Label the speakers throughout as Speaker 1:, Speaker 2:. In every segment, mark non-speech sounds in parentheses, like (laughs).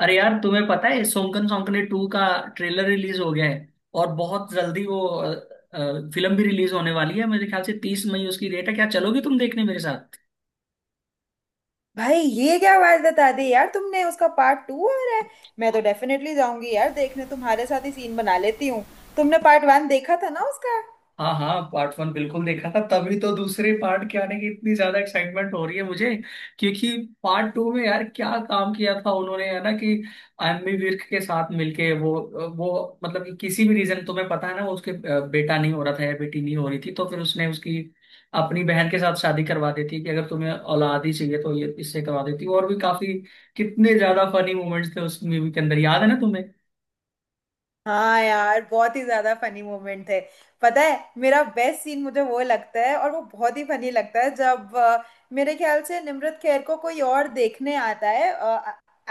Speaker 1: अरे यार, तुम्हें पता है सोंकन सोंकने टू का ट्रेलर रिलीज हो गया है। और बहुत जल्दी वो फिल्म भी रिलीज होने वाली है। मेरे ख्याल से 30 मई उसकी डेट है। क्या चलोगी तुम देखने मेरे?
Speaker 2: भाई ये क्या बात बता दी यार तुमने, उसका पार्ट टू आ रहा है। मैं तो डेफिनेटली जाऊंगी यार देखने, तुम्हारे साथ ही सीन बना लेती हूँ। तुमने पार्ट वन देखा था ना उसका?
Speaker 1: हाँ हाँ, पार्ट वन बिल्कुल देखा था, तभी तो दूसरे पार्ट के आने की इतनी ज्यादा एक्साइटमेंट हो रही है मुझे। क्योंकि पार्ट टू में यार क्या काम किया था उन्होंने, है ना? कि एमी विर्क के साथ मिलके वो मतलब कि, किसी भी रीजन तुम्हें पता है ना, वो उसके बेटा नहीं हो रहा था या बेटी नहीं हो रही थी, तो फिर उसने उसकी अपनी बहन के साथ शादी करवा देती कि अगर तुम्हें औलाद ही चाहिए तो ये इससे करवा देती, और भी काफी, कितने ज्यादा फनी मोमेंट्स थे उस मूवी के अंदर, याद है ना तुम्हें?
Speaker 2: हाँ यार, बहुत ही ज्यादा फनी मोमेंट थे। पता है, मेरा बेस्ट सीन मुझे वो लगता है और वो बहुत ही फनी लगता है जब मेरे ख्याल से निम्रत खैर को कोई और देखने आता है।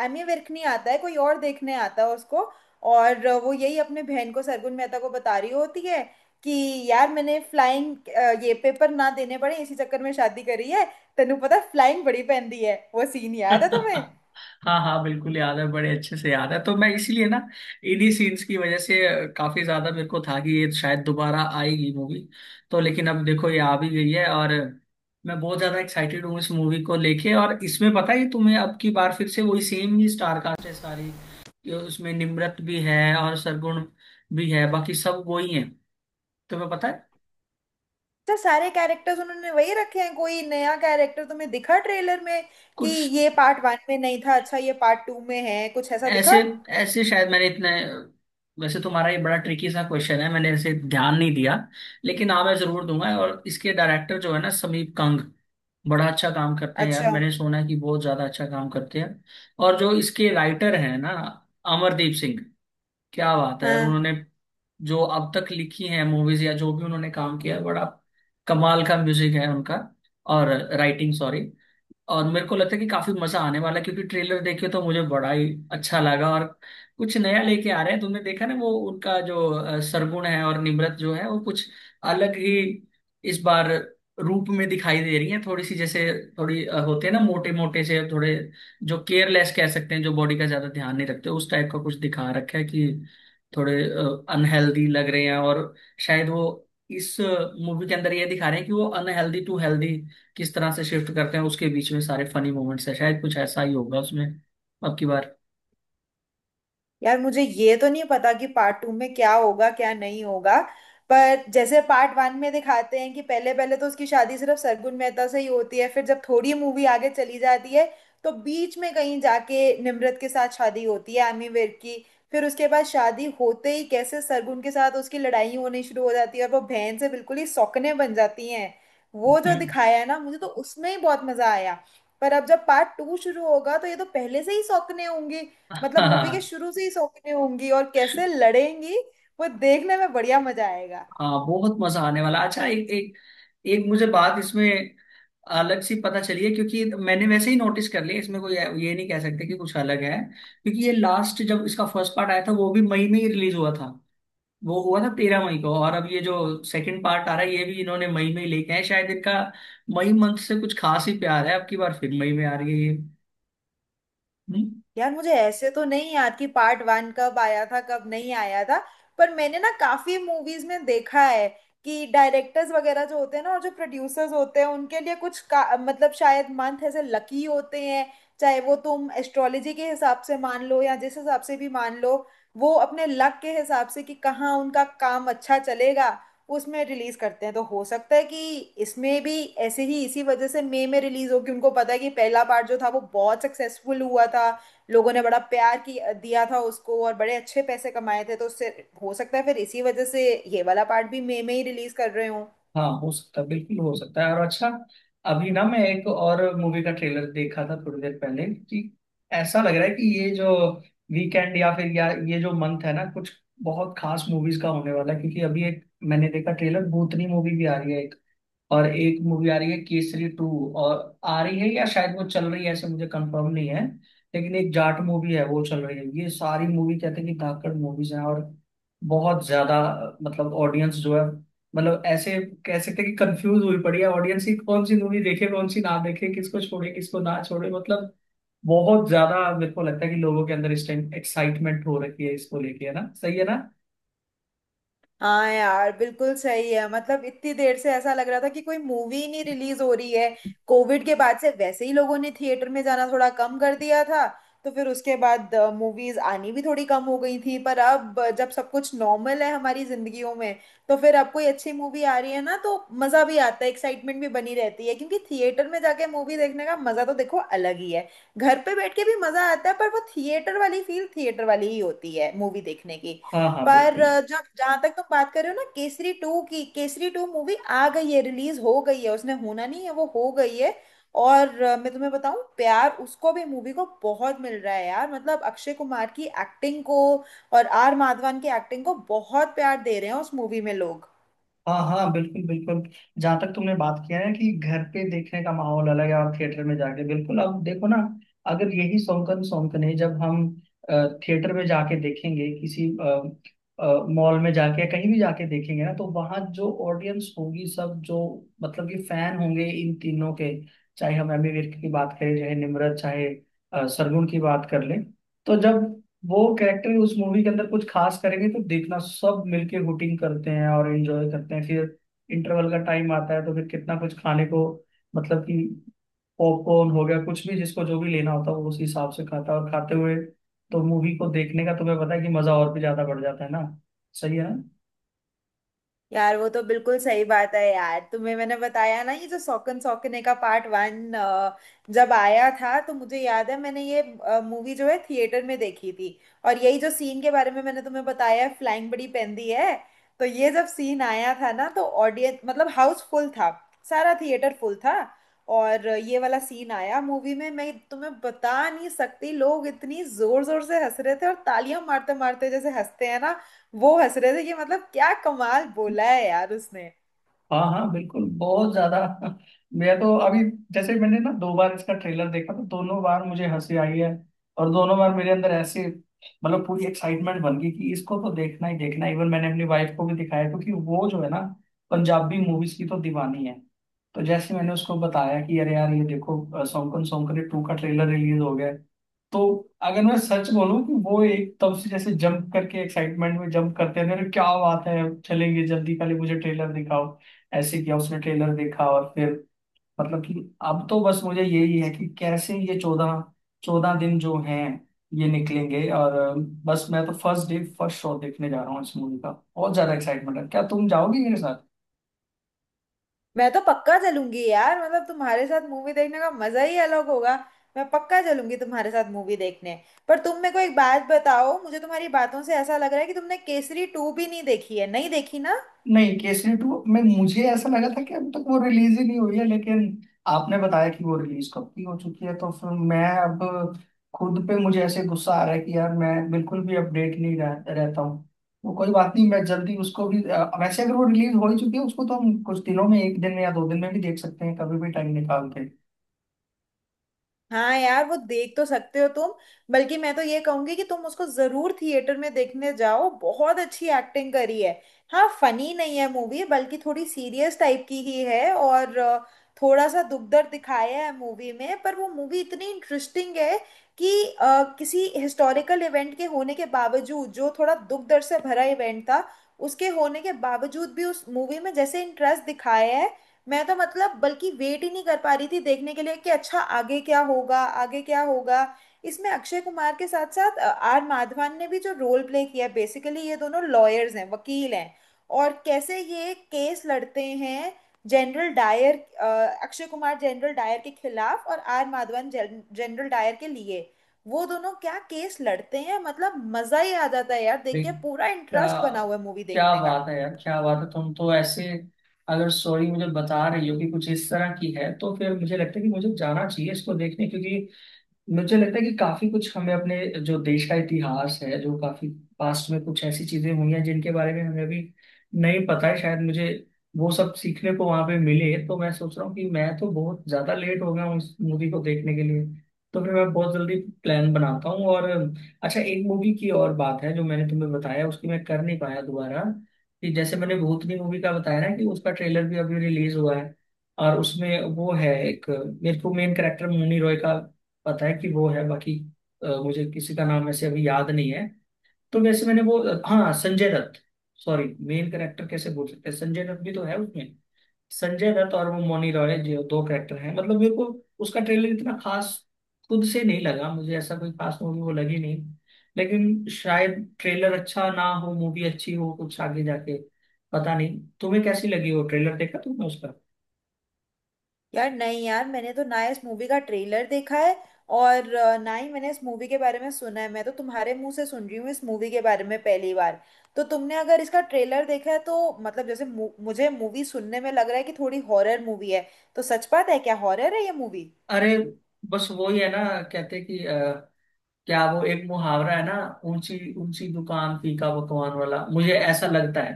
Speaker 2: एमी विर्क नहीं आता है, कोई और देखने आता है उसको। और वो यही अपने बहन को, सरगुन मेहता को बता रही होती है कि यार, मैंने फ्लाइंग ये पेपर ना देने पड़े इसी चक्कर में शादी करी है। तेनू पता, फ्लाइंग बड़ी पहनती है। वो सीन याद है तुम्हें?
Speaker 1: हाँ हाँ बिल्कुल याद है, बड़े अच्छे से याद है। तो मैं इसीलिए ना, इन्हीं सीन्स की वजह से काफी ज्यादा मेरे को था कि ये शायद दोबारा आएगी मूवी। तो लेकिन अब देखो ये आ भी गई है, और मैं बहुत ज्यादा एक्साइटेड हूँ इस मूवी को लेके। और इसमें पता है तुम्हें, अब की बार फिर से वही सेम ही स्टार कास्ट है सारी, ये उसमें निम्रत भी है और सरगुण भी है, बाकी सब वही है, तुम्हें पता है।
Speaker 2: अच्छा, सारे कैरेक्टर्स उन्होंने वही रखे हैं? कोई नया कैरेक्टर तुम्हें दिखा ट्रेलर में कि
Speaker 1: कुछ
Speaker 2: ये पार्ट वन में नहीं था? अच्छा, ये पार्ट टू में है, कुछ ऐसा दिखा?
Speaker 1: ऐसे ऐसे शायद मैंने इतने, वैसे तुम्हारा ये बड़ा ट्रिकी सा क्वेश्चन है, मैंने ऐसे ध्यान नहीं दिया। लेकिन हाँ, मैं जरूर दूंगा। और इसके डायरेक्टर जो है ना, समीप कंग, बड़ा अच्छा काम करते हैं यार,
Speaker 2: अच्छा।
Speaker 1: मैंने सुना है कि बहुत ज्यादा अच्छा काम करते हैं। और जो इसके राइटर हैं ना, अमरदीप सिंह, क्या बात है यार
Speaker 2: हाँ
Speaker 1: उन्होंने, जो अब तक लिखी है मूवीज या जो भी उन्होंने काम किया है, बड़ा कमाल का म्यूजिक है उनका, और राइटिंग, सॉरी। और मेरे को लगता है कि काफी मजा आने वाला है, क्योंकि ट्रेलर देखे तो मुझे बड़ा ही अच्छा लगा। और कुछ नया लेके आ रहे हैं, तुमने देखा ना वो उनका जो सरगुण है और निम्रत जो है, वो कुछ अलग ही इस बार रूप में दिखाई दे रही है, थोड़ी सी जैसे, थोड़ी होते हैं ना मोटे मोटे से थोड़े, जो केयरलेस कह सकते हैं, जो बॉडी का ज्यादा ध्यान नहीं रखते, उस टाइप का कुछ दिखा रखा है कि थोड़े अनहेल्दी लग रहे हैं। और शायद वो इस मूवी के अंदर ये दिखा रहे हैं कि वो अनहेल्दी टू हेल्दी किस तरह से शिफ्ट करते हैं, उसके बीच में सारे फनी मोमेंट्स है, शायद कुछ ऐसा ही होगा उसमें अब की बार।
Speaker 2: यार, मुझे ये तो नहीं पता कि पार्ट टू में क्या होगा क्या नहीं होगा। पर जैसे पार्ट वन में दिखाते हैं कि पहले पहले तो उसकी शादी सिर्फ सरगुन मेहता से ही होती है, फिर जब थोड़ी मूवी आगे चली जाती है तो बीच में कहीं जाके निम्रत के साथ शादी होती है एमी विर्क की। फिर उसके बाद शादी होते ही कैसे सरगुन के साथ उसकी लड़ाई होनी शुरू हो जाती है और वो बहन से बिल्कुल ही सौकने बन जाती हैं। वो जो
Speaker 1: हम्म।
Speaker 2: दिखाया है ना, मुझे तो उसमें ही बहुत मजा आया। पर अब जब पार्ट टू शुरू होगा तो ये तो पहले से ही सौकने होंगी।
Speaker 1: (laughs)
Speaker 2: मतलब मूवी के
Speaker 1: हाँ।
Speaker 2: शुरू से ही सौतेली होंगी और कैसे लड़ेंगी, वो देखने में बढ़िया मजा आएगा।
Speaker 1: हाँ, बहुत मजा आने वाला। अच्छा एक एक एक मुझे बात इसमें अलग सी पता चली है, क्योंकि मैंने वैसे ही नोटिस कर लिया। इसमें कोई ये नहीं कह सकते कि कुछ अलग है, क्योंकि ये लास्ट जब इसका फर्स्ट पार्ट आया था वो भी मई में ही रिलीज हुआ था, वो हुआ था 13 मई को। और अब ये जो सेकंड पार्ट आ रहा है ये भी इन्होंने मई में ही लेके आए, शायद इनका मई मंथ से कुछ खास ही प्यार है, अब की बार फिर मई में आ रही है ये। हम्म।
Speaker 2: यार मुझे ऐसे तो नहीं याद कि पार्ट वन कब आया था कब नहीं आया था, पर मैंने ना काफी मूवीज में देखा है कि डायरेक्टर्स वगैरह जो होते हैं ना और जो प्रोड्यूसर्स होते हैं उनके लिए मतलब शायद मंथ ऐसे लकी होते हैं। चाहे वो तुम एस्ट्रोलॉजी के हिसाब से मान लो या जिस हिसाब से भी मान लो, वो अपने लक के हिसाब से कि कहाँ उनका काम अच्छा चलेगा उसमें रिलीज करते हैं। तो हो सकता है कि इसमें भी ऐसे ही, इसी वजह से मई में रिलीज हो कि उनको पता है कि पहला पार्ट जो था वो बहुत सक्सेसफुल हुआ था। लोगों ने बड़ा प्यार की दिया था उसको और बड़े अच्छे पैसे कमाए थे, तो उससे हो सकता है फिर इसी वजह से ये वाला पार्ट भी मई में ही रिलीज कर रहे हों।
Speaker 1: हाँ हो सकता है, बिल्कुल हो सकता है। और अच्छा, अभी ना मैं एक और मूवी का ट्रेलर देखा था थोड़ी देर पहले कि ऐसा लग रहा है कि ये जो वीकेंड या फिर, ये जो मंथ है ना, कुछ बहुत खास मूवीज का होने वाला है। क्योंकि अभी एक, मैंने देखा ट्रेलर, भूतनी मूवी भी आ रही है एक, और एक मूवी आ रही है केसरी टू, और आ रही है या शायद वो चल रही है, ऐसे मुझे कंफर्म नहीं है। लेकिन एक जाट मूवी है, वो चल रही है। ये सारी मूवी कहते हैं कि धाकड़ मूवीज हैं, और बहुत ज्यादा मतलब ऑडियंस जो है, मतलब ऐसे कह सकते हैं कि कंफ्यूज हुई पड़ी है ऑडियंस ही, कौन सी मूवी देखे कौन सी ना देखे, किसको छोड़े किसको ना छोड़े। मतलब बहुत ज्यादा मेरे को लगता है कि लोगों के अंदर इस टाइम एक्साइटमेंट हो रखी है इसको लेके, है ना? सही है ना?
Speaker 2: हाँ यार बिल्कुल सही है। मतलब इतनी देर से ऐसा लग रहा था कि कोई मूवी ही नहीं रिलीज हो रही है। कोविड के बाद से वैसे ही लोगों ने थिएटर में जाना थोड़ा कम कर दिया था, तो फिर उसके बाद मूवीज आनी भी थोड़ी कम हो गई थी। पर अब जब सब कुछ नॉर्मल है हमारी जिंदगियों में तो फिर अब कोई अच्छी मूवी आ रही है ना, तो मजा भी आता है, एक्साइटमेंट भी बनी रहती है, क्योंकि थिएटर में जाके मूवी देखने का मजा तो देखो अलग ही है। घर पे बैठ के भी मजा आता है पर वो थिएटर वाली फील थिएटर वाली ही होती है मूवी देखने की।
Speaker 1: हाँ हाँ
Speaker 2: पर
Speaker 1: बिल्कुल।
Speaker 2: जब, जहां तक तुम बात कर रहे हो ना केसरी टू की, केसरी टू मूवी आ गई है, रिलीज हो गई है। उसने होना नहीं है, वो हो गई है। और मैं तुम्हें बताऊं, प्यार उसको भी मूवी को बहुत मिल रहा है यार। मतलब अक्षय कुमार की एक्टिंग को और आर माधवन की एक्टिंग को बहुत प्यार दे रहे हैं उस मूवी में लोग।
Speaker 1: हाँ हाँ बिल्कुल बिल्कुल। जहाँ तक तुमने बात किया है कि घर पे देखने का माहौल अलग है और थिएटर में जाके, बिल्कुल, अब देखो ना, अगर यही सौंकन सौंकन है, जब हम थिएटर में जाके देखेंगे किसी मॉल में जाके या कहीं भी जाके देखेंगे ना, तो वहाँ जो ऑडियंस होगी, सब जो मतलब कि फैन होंगे इन तीनों के, चाहे हम एमी विर्क की बात करें, चाहे निम्रत, चाहे सरगुण की बात कर लें, तो जब वो कैरेक्टर उस मूवी के अंदर कुछ खास करेंगे तो देखना, सब मिलके हुटिंग करते हैं और एंजॉय करते हैं। फिर इंटरवल का टाइम आता है, तो फिर कितना कुछ खाने को, मतलब कि पॉपकॉर्न हो गया, कुछ भी जिसको जो भी लेना होता है वो उस हिसाब से खाता है, और खाते हुए तो मूवी को देखने का तुम्हें पता है कि मजा और भी ज्यादा बढ़ जाता है ना। सही है ना?
Speaker 2: यार वो तो बिल्कुल सही बात है यार। तुम्हें मैंने बताया ना, ये जो सौकन सौकने का पार्ट वन जब आया था तो मुझे याद है मैंने ये मूवी जो है थिएटर में देखी थी। और यही जो सीन के बारे में मैंने तुम्हें बताया है, फ्लाइंग बड़ी पेंदी है, तो ये जब सीन आया था ना, तो ऑडियंस, मतलब हाउस फुल था, सारा थिएटर फुल था। और ये वाला सीन आया मूवी में, मैं तुम्हें बता नहीं सकती, लोग इतनी जोर जोर से हंस रहे थे और तालियां मारते मारते जैसे हंसते हैं ना, वो हंस रहे थे कि मतलब क्या कमाल बोला है यार उसने।
Speaker 1: हाँ हाँ बिल्कुल, बहुत ज्यादा। मैं तो अभी, जैसे मैंने ना 2 बार इसका ट्रेलर देखा, तो दोनों बार मुझे हंसी आई है, और दोनों बार मेरे अंदर ऐसे मतलब पूरी एक्साइटमेंट बन गई कि इसको तो देखना ही देखना। इवन मैंने अपनी वाइफ को भी दिखाया, क्योंकि वो जो है ना, पंजाबी मूवीज की तो दीवानी है। तो जैसे मैंने उसको बताया कि अरे यार ये देखो सौंकन सौंकने टू का ट्रेलर रिलीज हो गया है, तो अगर मैं सच बोलूं, कि वो एक तब से जैसे जंप करके, एक्साइटमेंट में जंप करते थे, अरे क्या बात है, चलेंगे जल्दी, पहले मुझे ट्रेलर दिखाओ। ऐसे किया, उसने ट्रेलर देखा, और फिर मतलब कि अब तो बस मुझे यही है कि कैसे ये चौदह चौदह दिन जो हैं ये निकलेंगे। और बस मैं तो फर्स्ट डे फर्स्ट शो देखने जा रहा हूँ इस मूवी का, बहुत ज्यादा एक्साइटमेंट है। क्या तुम जाओगी मेरे?
Speaker 2: मैं तो पक्का चलूंगी यार, मतलब तुम्हारे साथ मूवी देखने का मजा ही अलग होगा। मैं पक्का चलूंगी तुम्हारे साथ मूवी देखने। पर तुम मेरे को एक बात बताओ, मुझे तुम्हारी बातों से ऐसा लग रहा है कि तुमने केसरी टू भी नहीं देखी है, नहीं देखी ना?
Speaker 1: नहीं, केसरी टू में मुझे ऐसा लगा था कि अब तक वो रिलीज ही नहीं हुई है, लेकिन आपने बताया कि वो रिलीज कब की हो चुकी है, तो फिर मैं अब खुद पे, मुझे ऐसे गुस्सा आ रहा है कि यार मैं बिल्कुल भी अपडेट नहीं रहता हूँ। वो कोई बात नहीं, मैं जल्दी उसको भी वैसे अगर वो रिलीज हो ही चुकी है उसको, तो हम कुछ दिनों में, एक दिन में या 2 दिन में भी देख सकते हैं कभी भी टाइम निकाल के।
Speaker 2: हाँ यार, वो देख तो सकते हो तुम, बल्कि मैं तो ये कहूंगी कि तुम उसको जरूर थिएटर में देखने जाओ। बहुत अच्छी एक्टिंग करी है। हाँ फनी नहीं है मूवी, बल्कि थोड़ी सीरियस टाइप की ही है, और थोड़ा सा दुख दर्द दिखाया है मूवी में। पर वो मूवी इतनी इंटरेस्टिंग है कि किसी हिस्टोरिकल इवेंट के होने के बावजूद, जो थोड़ा दुख दर्द से भरा इवेंट था, उसके होने के बावजूद भी उस मूवी में जैसे इंटरेस्ट दिखाया है, मैं तो मतलब बल्कि वेट ही नहीं कर पा रही थी देखने के लिए कि अच्छा आगे क्या होगा आगे क्या होगा। इसमें अक्षय कुमार के साथ साथ आर माधवन ने भी जो रोल प्ले किया है, बेसिकली ये दोनों लॉयर्स हैं, वकील हैं, और कैसे ये केस लड़ते हैं जनरल डायर अ, अक्षय कुमार जनरल डायर के खिलाफ और आर माधवन जनरल डायर के लिए, वो दोनों क्या केस लड़ते हैं, मतलब मजा ही आ जाता है यार देख
Speaker 1: भाई,
Speaker 2: के। पूरा
Speaker 1: क्या,
Speaker 2: इंटरेस्ट बना हुआ है मूवी
Speaker 1: क्या
Speaker 2: देखने का।
Speaker 1: बात है यार, क्या बात है, तुम तो ऐसे अगर स्टोरी मुझे बता रही हो कि कुछ इस तरह की है, तो फिर मुझे लगता है कि मुझे जाना चाहिए इसको देखने। क्योंकि मुझे लगता है कि काफी कुछ हमें अपने, जो देश का इतिहास है, जो काफी पास्ट में कुछ ऐसी चीजें हुई हैं जिनके बारे में हमें अभी नहीं पता है, शायद मुझे वो सब सीखने को वहां पे मिले। तो मैं सोच रहा हूँ कि मैं तो बहुत ज्यादा लेट हो गया हूँ इस मूवी को देखने के लिए, तो फिर मैं बहुत जल्दी प्लान बनाता हूँ। और अच्छा, एक मूवी की और बात है जो मैंने तुम्हें बताया, उसकी मैं कर नहीं पाया दोबारा, कि जैसे मैंने भूतनी मूवी का बताया ना, कि उसका ट्रेलर भी अभी रिलीज हुआ है, और उसमें वो है एक, मेरे को मेन करेक्टर मुन्नी रॉय का पता है कि वो है, बाकी मुझे किसी का नाम ऐसे अभी याद नहीं है। तो वैसे मैंने वो, हाँ Sanjay Dutt, sorry main character कैसे बोल सकते हैं, संजय दत्त भी तो है उसमें, संजय दत्त और वो मौनी रॉय, जो दो कैरेक्टर हैं, मतलब मेरे को उसका ट्रेलर इतना खास खुद से नहीं लगा, मुझे ऐसा कोई खास मूवी वो लगी नहीं, लेकिन शायद ट्रेलर अच्छा ना हो, मूवी अच्छी हो कुछ आगे जाके, पता नहीं। तुम्हें कैसी लगी? वो ट्रेलर देखा तुमने उसका?
Speaker 2: यार नहीं यार, मैंने तो ना इस मूवी का ट्रेलर देखा है और ना ही मैंने इस मूवी के बारे में सुना है। मैं तो तुम्हारे मुंह से सुन रही हूँ इस मूवी के बारे में पहली बार। तो तुमने अगर इसका ट्रेलर देखा है तो मतलब जैसे मुझे मूवी सुनने में लग रहा है कि थोड़ी हॉरर मूवी है, तो सच बात है क्या, हॉरर है ये मूवी?
Speaker 1: अरे, बस वही है ना, कहते हैं कि क्या वो एक मुहावरा है ना, ऊंची ऊंची दुकान फीका पकवान वाला, मुझे ऐसा लगता है।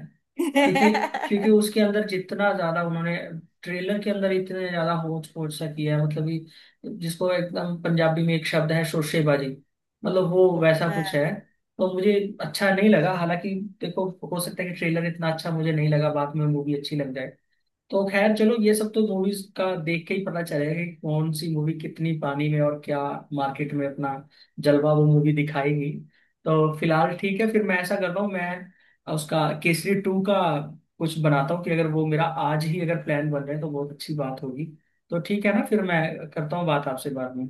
Speaker 1: क्योंकि, उसके
Speaker 2: (laughs)
Speaker 1: अंदर जितना ज्यादा उन्होंने ट्रेलर के अंदर इतने ज्यादा होच पोच सा किया है, मतलब कि जिसको एकदम पंजाबी में एक शब्द है शोरशेबाजी, मतलब वो वैसा कुछ है। तो मुझे अच्छा नहीं लगा, हालांकि देखो हो सकता है कि ट्रेलर इतना अच्छा मुझे नहीं लगा, बाद में मूवी अच्छी लग जाए। तो खैर चलो, ये सब तो मूवीज का देख के ही पता चलेगा कि कौन सी मूवी कितनी पानी में, और क्या मार्केट में अपना जलवा वो मूवी दिखाएगी। तो फिलहाल ठीक है, फिर मैं ऐसा करता हूँ, मैं उसका केसरी टू का कुछ बनाता हूँ, कि अगर वो मेरा आज ही अगर प्लान बन रहे हैं तो बहुत अच्छी बात होगी। तो ठीक है ना, फिर मैं करता हूँ बात आपसे बाद में।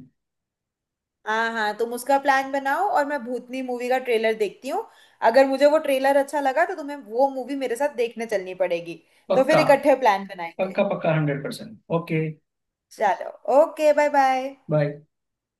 Speaker 2: हाँ हाँ हाँ, तुम उसका प्लान बनाओ और मैं भूतनी मूवी का ट्रेलर देखती हूँ। अगर मुझे वो ट्रेलर अच्छा लगा तो तुम्हें वो मूवी मेरे साथ देखने चलनी पड़ेगी। तो फिर
Speaker 1: पक्का।
Speaker 2: इकट्ठे प्लान बनाएंगे।
Speaker 1: पक्का पक्का 100% ओके।
Speaker 2: चलो, ओके, बाय बाय।
Speaker 1: बाय।